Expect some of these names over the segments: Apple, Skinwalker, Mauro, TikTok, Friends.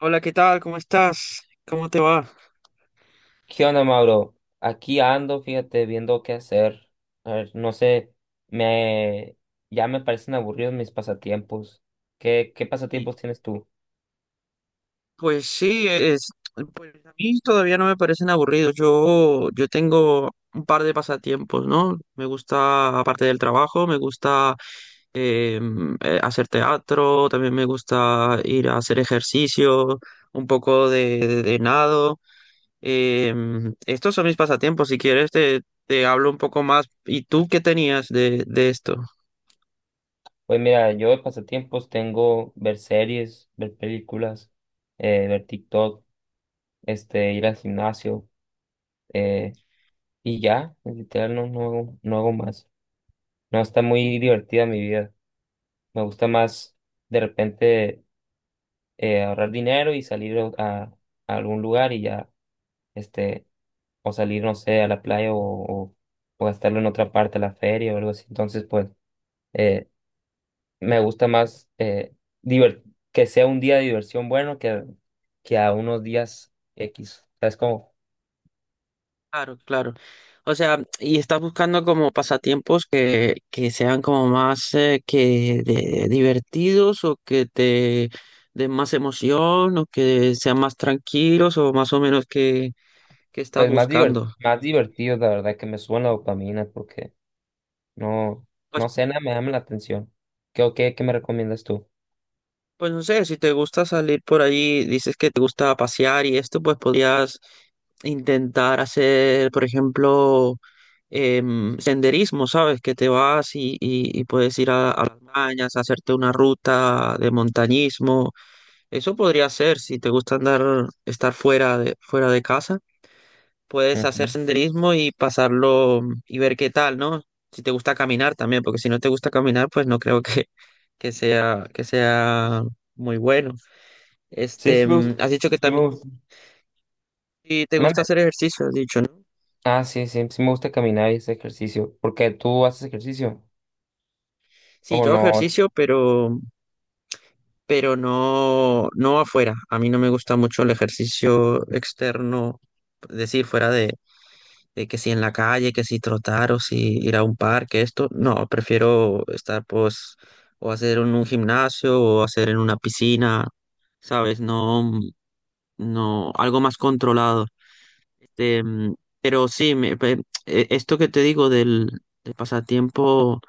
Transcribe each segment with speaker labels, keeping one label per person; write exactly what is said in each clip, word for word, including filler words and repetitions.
Speaker 1: Hola, ¿qué tal? ¿Cómo estás? ¿Cómo te va?
Speaker 2: ¿Qué onda, Mauro? Aquí ando, fíjate, viendo qué hacer. A ver, no sé, me ya me parecen aburridos mis pasatiempos. ¿Qué, qué
Speaker 1: Sí.
Speaker 2: pasatiempos tienes tú?
Speaker 1: Pues sí, es, pues a mí todavía no me parecen aburridos. Yo, yo tengo un par de pasatiempos, ¿no? Me gusta, aparte del trabajo, me gusta eh, eh, hacer teatro, también me gusta ir a hacer ejercicio, un poco de, de- de nado. Em, estos son mis pasatiempos. Si quieres, te, te hablo un poco más. ¿Y tú qué tenías de, de esto?
Speaker 2: Pues mira, yo de pasatiempos tengo ver series, ver películas, eh, ver TikTok, este, ir al gimnasio, eh, y ya, literal, no, no hago, no hago más. No, está muy divertida mi vida. Me gusta más de repente eh, ahorrar dinero y salir a, a algún lugar y ya, este, o salir, no sé, a la playa o, o, o gastarlo en otra parte, a la feria o algo así. Entonces, pues, eh, me gusta más eh, diver- que sea un día de diversión bueno que, que a unos días X. O sea, es como,
Speaker 1: Claro, claro. O sea, y estás buscando como pasatiempos que, que sean como más eh, que de- divertidos o que te den más emoción o que sean más tranquilos o más o menos que, que estás
Speaker 2: pues, más diver-
Speaker 1: buscando.
Speaker 2: más divertido, la verdad, que me suban la dopamina porque no, no sé, nada me llama la atención. ¿Qué, o qué, qué me recomiendas tú?
Speaker 1: Pues no sé, si te gusta salir por allí, dices que te gusta pasear y esto, pues podrías intentar hacer, por ejemplo, em, senderismo, ¿sabes? Que te vas y, y- y puedes ir a, a las montañas, a hacerte una ruta de montañismo. Eso podría ser, si te gusta andar, estar fuera de, fuera de casa, puedes hacer
Speaker 2: Ujú.
Speaker 1: senderismo y pasarlo mm, y ver qué tal, ¿no? Si te gusta caminar también, porque si no te gusta caminar, pues no creo que, que sea, que sea muy bueno.
Speaker 2: Sí,
Speaker 1: Este,
Speaker 2: sí me
Speaker 1: mm,
Speaker 2: gusta.
Speaker 1: has dicho que
Speaker 2: Sí
Speaker 1: también
Speaker 2: me gusta.
Speaker 1: sí te gusta hacer
Speaker 2: Mande.
Speaker 1: ejercicio, has dicho, ¿no?
Speaker 2: Ah, sí, sí, sí me gusta caminar y ese ejercicio. ¿Porque tú haces ejercicio
Speaker 1: Sí,
Speaker 2: o
Speaker 1: yo hago
Speaker 2: no?
Speaker 1: ejercicio, pero, pero no, no afuera. A mí no me gusta mucho el ejercicio externo, es decir, fuera de, de que si en la calle, que si trotar o si ir a un parque, esto. No, prefiero estar, pues, o hacer en un gimnasio o hacer en una piscina, ¿sabes? No, no, algo más controlado. Este, mm, pero sí, me- pe- e- esto que te digo del, del pasatiempo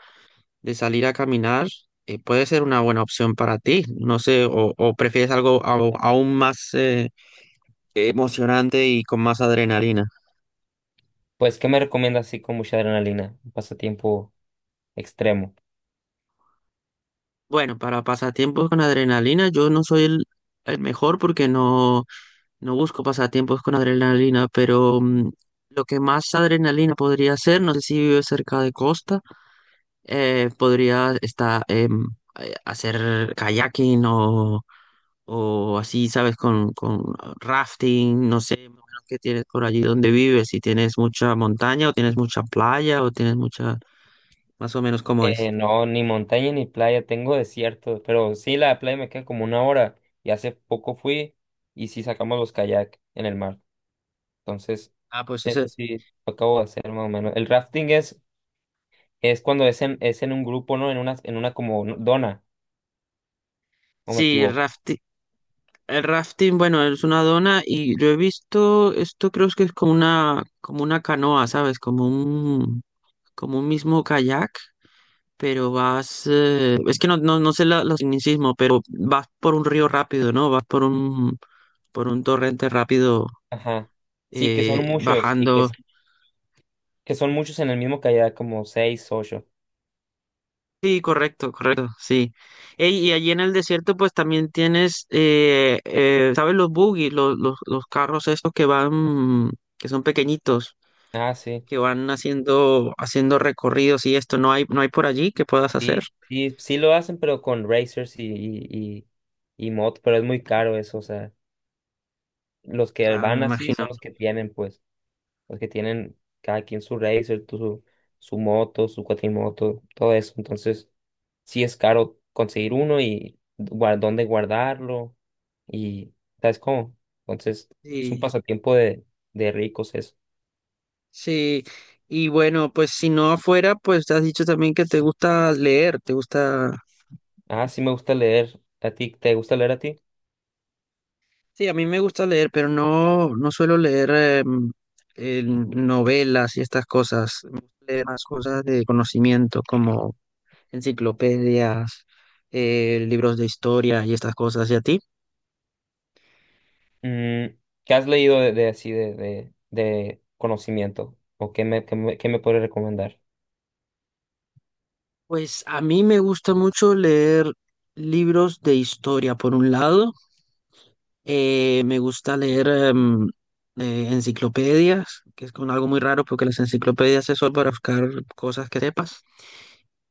Speaker 1: de salir a caminar eh, puede ser una buena opción para ti. No sé, o, o prefieres algo au- aún más eh, emocionante y con más adrenalina.
Speaker 2: Pues, ¿qué me recomiendas así con mucha adrenalina? Un pasatiempo extremo.
Speaker 1: Bueno, para pasatiempos con adrenalina, yo no soy el, el mejor porque no, no busco pasatiempos con adrenalina, pero mm, lo que más adrenalina podría ser, no sé si vives cerca de costa. eh, podría estar, em, eh, hacer kayaking o, o así, ¿sabes? Con, con rafting, no sé, más o menos qué tienes por allí donde vives, si tienes mucha montaña o tienes mucha playa o tienes mucha, más o menos cómo es.
Speaker 2: Eh, no, ni montaña ni playa, tengo desierto, pero sí, la playa me queda como una hora y hace poco fui y sí sacamos los kayak en el mar. Entonces,
Speaker 1: Ah, pues
Speaker 2: eso
Speaker 1: ese,
Speaker 2: sí, lo acabo de hacer más o menos. El rafting es, es cuando es en, es en un grupo, ¿no? En una, en una como dona, o me
Speaker 1: sí, el
Speaker 2: equivoco.
Speaker 1: rafting. El rafting, bueno, es una dona y yo he visto, esto creo que es como una, como una canoa, ¿sabes? Como un, como un mismo kayak. Pero vas, eh, es que no, no, no sé la, los tecnicismos, pero vas por un río rápido, ¿no? Vas por un, por un torrente rápido
Speaker 2: Ajá. Sí, que son
Speaker 1: eh,
Speaker 2: muchos y que,
Speaker 1: bajando.
Speaker 2: que son muchos en el mismo kayak, como seis, ocho.
Speaker 1: Sí, correcto, correcto, sí. Ey, y allí en el desierto pues también tienes, eh, eh, ¿sabes? Los buggy, los, los, los carros estos que van, que son pequeñitos,
Speaker 2: Ah, sí.
Speaker 1: que van haciendo, haciendo recorridos y esto, no hay, no hay por allí que puedas hacer.
Speaker 2: Sí, sí, sí lo hacen, pero con racers y, y, y, y motos, pero es muy caro eso, o sea, los que
Speaker 1: Ah, me
Speaker 2: van así
Speaker 1: imagino.
Speaker 2: son los que tienen, pues, los que tienen cada quien su racer, tu- su, su moto, su cuatrimoto, todo eso, entonces sí es caro conseguir uno y guar- dónde guardarlo y, ¿sabes cómo? Entonces es un
Speaker 1: Sí.
Speaker 2: pasatiempo de, de ricos eso.
Speaker 1: Sí, y bueno, pues si no afuera, pues te has dicho también que te gusta leer, te gusta...
Speaker 2: Ah, sí me gusta leer, ¿a ti te gusta leer a ti?
Speaker 1: Sí, a mí me gusta leer, pero no, no suelo leer em, em, novelas y estas cosas. Me gusta leer más cosas de conocimiento como enciclopedias, eh, libros de historia y estas cosas. ¿Y a ti?
Speaker 2: Mm, ¿qué has leído de, de así de, de, de conocimiento? ¿O qué me, qué me, qué me puedes recomendar?
Speaker 1: Pues a mí me gusta mucho leer libros de historia, por un lado. Eh, me gusta leer em, eh, enciclopedias, que es con algo muy raro porque las enciclopedias es solo para buscar cosas que sepas.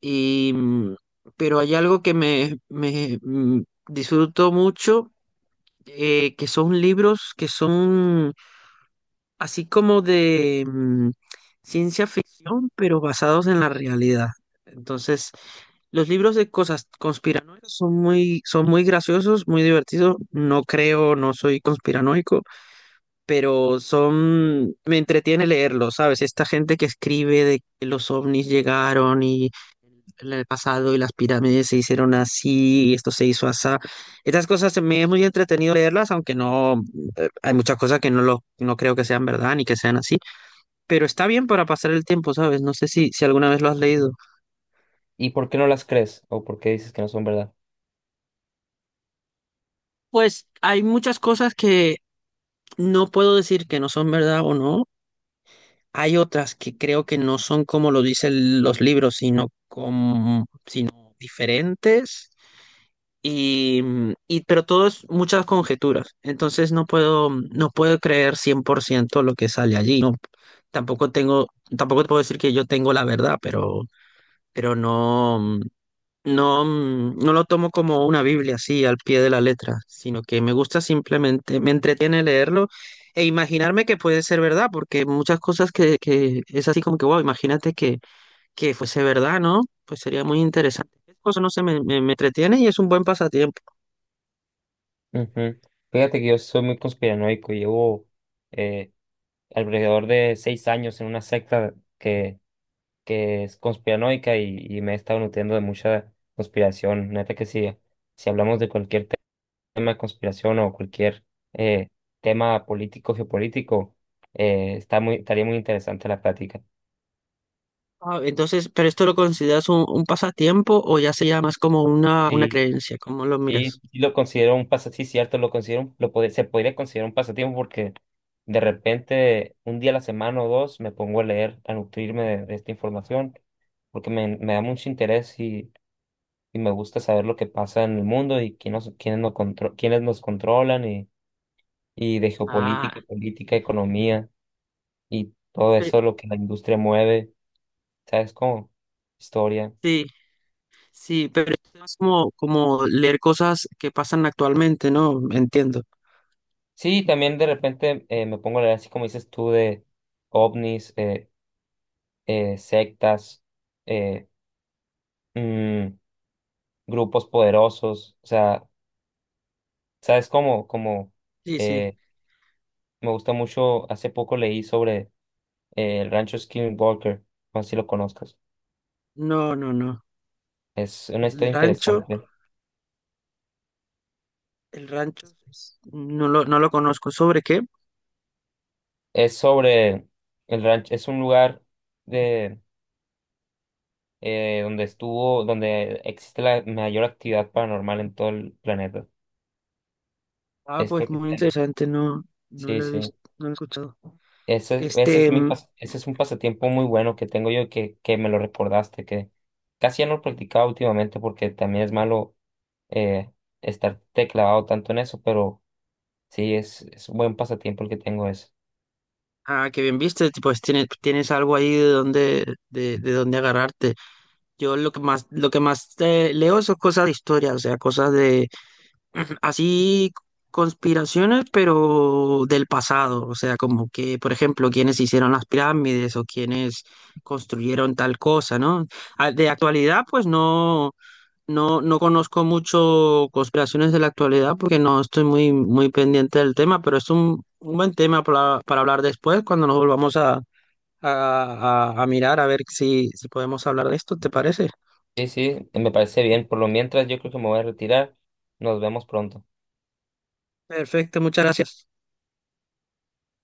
Speaker 1: Y, mm, pero hay algo que me, me, mm, disfruto mucho, eh, que son libros que son así como de mm, ciencia ficción, pero basados en la realidad. Entonces, los libros de cosas conspiranoicas son muy, son muy graciosos, muy divertidos. No creo, no soy conspiranoico, pero son, me entretiene leerlo, ¿sabes? Esta gente que escribe de que los ovnis llegaron y en el pasado y las pirámides se hicieron así y esto se hizo así. Estas cosas me es muy entretenido leerlas, aunque no, eh, hay muchas cosas que no lo, no creo que sean verdad ni que sean así, pero está bien para pasar el tiempo, ¿sabes? No sé si, si alguna vez lo has leído.
Speaker 2: ¿Y por qué no las crees? ¿O por qué dices que no son verdad?
Speaker 1: Pues hay muchas cosas que no puedo decir que no son verdad o no. Hay otras que creo que no son como lo dicen los libros, sino como diferentes y, mm, y pero todo es muchas conjeturas, entonces no puedo no puedo creer cien por ciento lo que sale allí. No, tampoco tengo tampoco te puedo decir que yo tengo la verdad, pero pero no mm, no mm, no lo tomo como una Biblia así al pie de la letra, sino que me gusta, simplemente me entretiene leerlo e imaginarme que puede ser verdad, porque muchas cosas que, que es así como que, wow, imagínate que que fuese verdad, ¿no? Pues sería muy interesante. Eso no sé, me, me, me entretiene y es un buen pasatiempo.
Speaker 2: Ujú. Fíjate que yo soy muy conspiranoico y llevo, eh, alrededor de seis años, en una secta que, que es conspiranoica y, y me he estado nutriendo de mucha conspiración. Neta que sí, si hablamos de cualquier tema de conspiración o cualquier eh, tema político, geopolítico, eh, está muy, estaría muy interesante la plática.
Speaker 1: Ah, entonces, ¿pero esto lo consideras un, un pasatiempo o ya sería más como una, una
Speaker 2: Sí,
Speaker 1: creencia? ¿Cómo lo
Speaker 2: sí,
Speaker 1: miras?
Speaker 2: sí lo considero un pasatiempo, sí, cierto, lo considero, un- lo pod- se podría considerar un pasatiempo porque de repente un día a la semana o dos me pongo a leer, a nutrirme de, de esta información, porque me, me da mucho interés y, y me gusta saber lo que pasa en el mundo y quién nos, quiénes nos, contro- quiénes nos controlan y, y de
Speaker 1: Ah,
Speaker 2: geopolítica, política, economía y todo
Speaker 1: pe-
Speaker 2: eso, lo que la industria mueve, ¿sabes cómo? Historia.
Speaker 1: sí, sí, pero es como, como leer cosas que pasan actualmente, ¿no? Entiendo.
Speaker 2: Sí, también de repente eh, me pongo a leer, así como dices tú, de ovnis, eh, eh, sectas, eh, mm, grupos poderosos. O sea, ¿sabes cómo? Como
Speaker 1: Sí, sí.
Speaker 2: eh, me gusta mucho, hace poco leí sobre eh, el rancho Skinwalker, no sé si lo conozcas.
Speaker 1: No, no, no.
Speaker 2: Es una historia
Speaker 1: El rancho,
Speaker 2: interesante.
Speaker 1: el rancho, es- no lo, no lo conozco. ¿Sobre qué?
Speaker 2: Es sobre el rancho, es un lugar de eh, donde estuvo, donde existe la mayor actividad paranormal en todo el planeta.
Speaker 1: Ah,
Speaker 2: Es
Speaker 1: pues
Speaker 2: creo que
Speaker 1: muy
Speaker 2: está en-
Speaker 1: interesante, no, no
Speaker 2: sí,
Speaker 1: lo he
Speaker 2: sí.
Speaker 1: visto, no lo he escuchado.
Speaker 2: Ese, ese es
Speaker 1: Este,
Speaker 2: mi pas- ese es un pasatiempo muy bueno que tengo yo y que, que me lo recordaste, que casi ya no lo practicaba últimamente porque también es malo eh, estar teclado tanto en eso, pero sí, es, es un buen pasatiempo el que tengo ese.
Speaker 1: ah, qué bien viste, tipo, es- tienes, tienes algo ahí de donde, de, de donde agarrarte. Yo lo que más, lo que más eh, leo son cosas de historia, o sea, cosas de así conspiraciones, pero del pasado. O sea, como que, por ejemplo, quienes hicieron las pirámides o quienes construyeron tal cosa, ¿no? Ah, de actualidad, pues no, no, no conozco mucho conspiraciones de la actualidad porque no estoy muy, muy pendiente del tema, pero es un, un buen tema para, para hablar después cuando nos volvamos a a, a- a mirar a ver si, si podemos hablar de esto, ¿te parece?
Speaker 2: Sí, sí, me parece bien. Por lo mientras, yo creo que me voy a retirar. Nos vemos pronto.
Speaker 1: Perfecto, muchas gracias.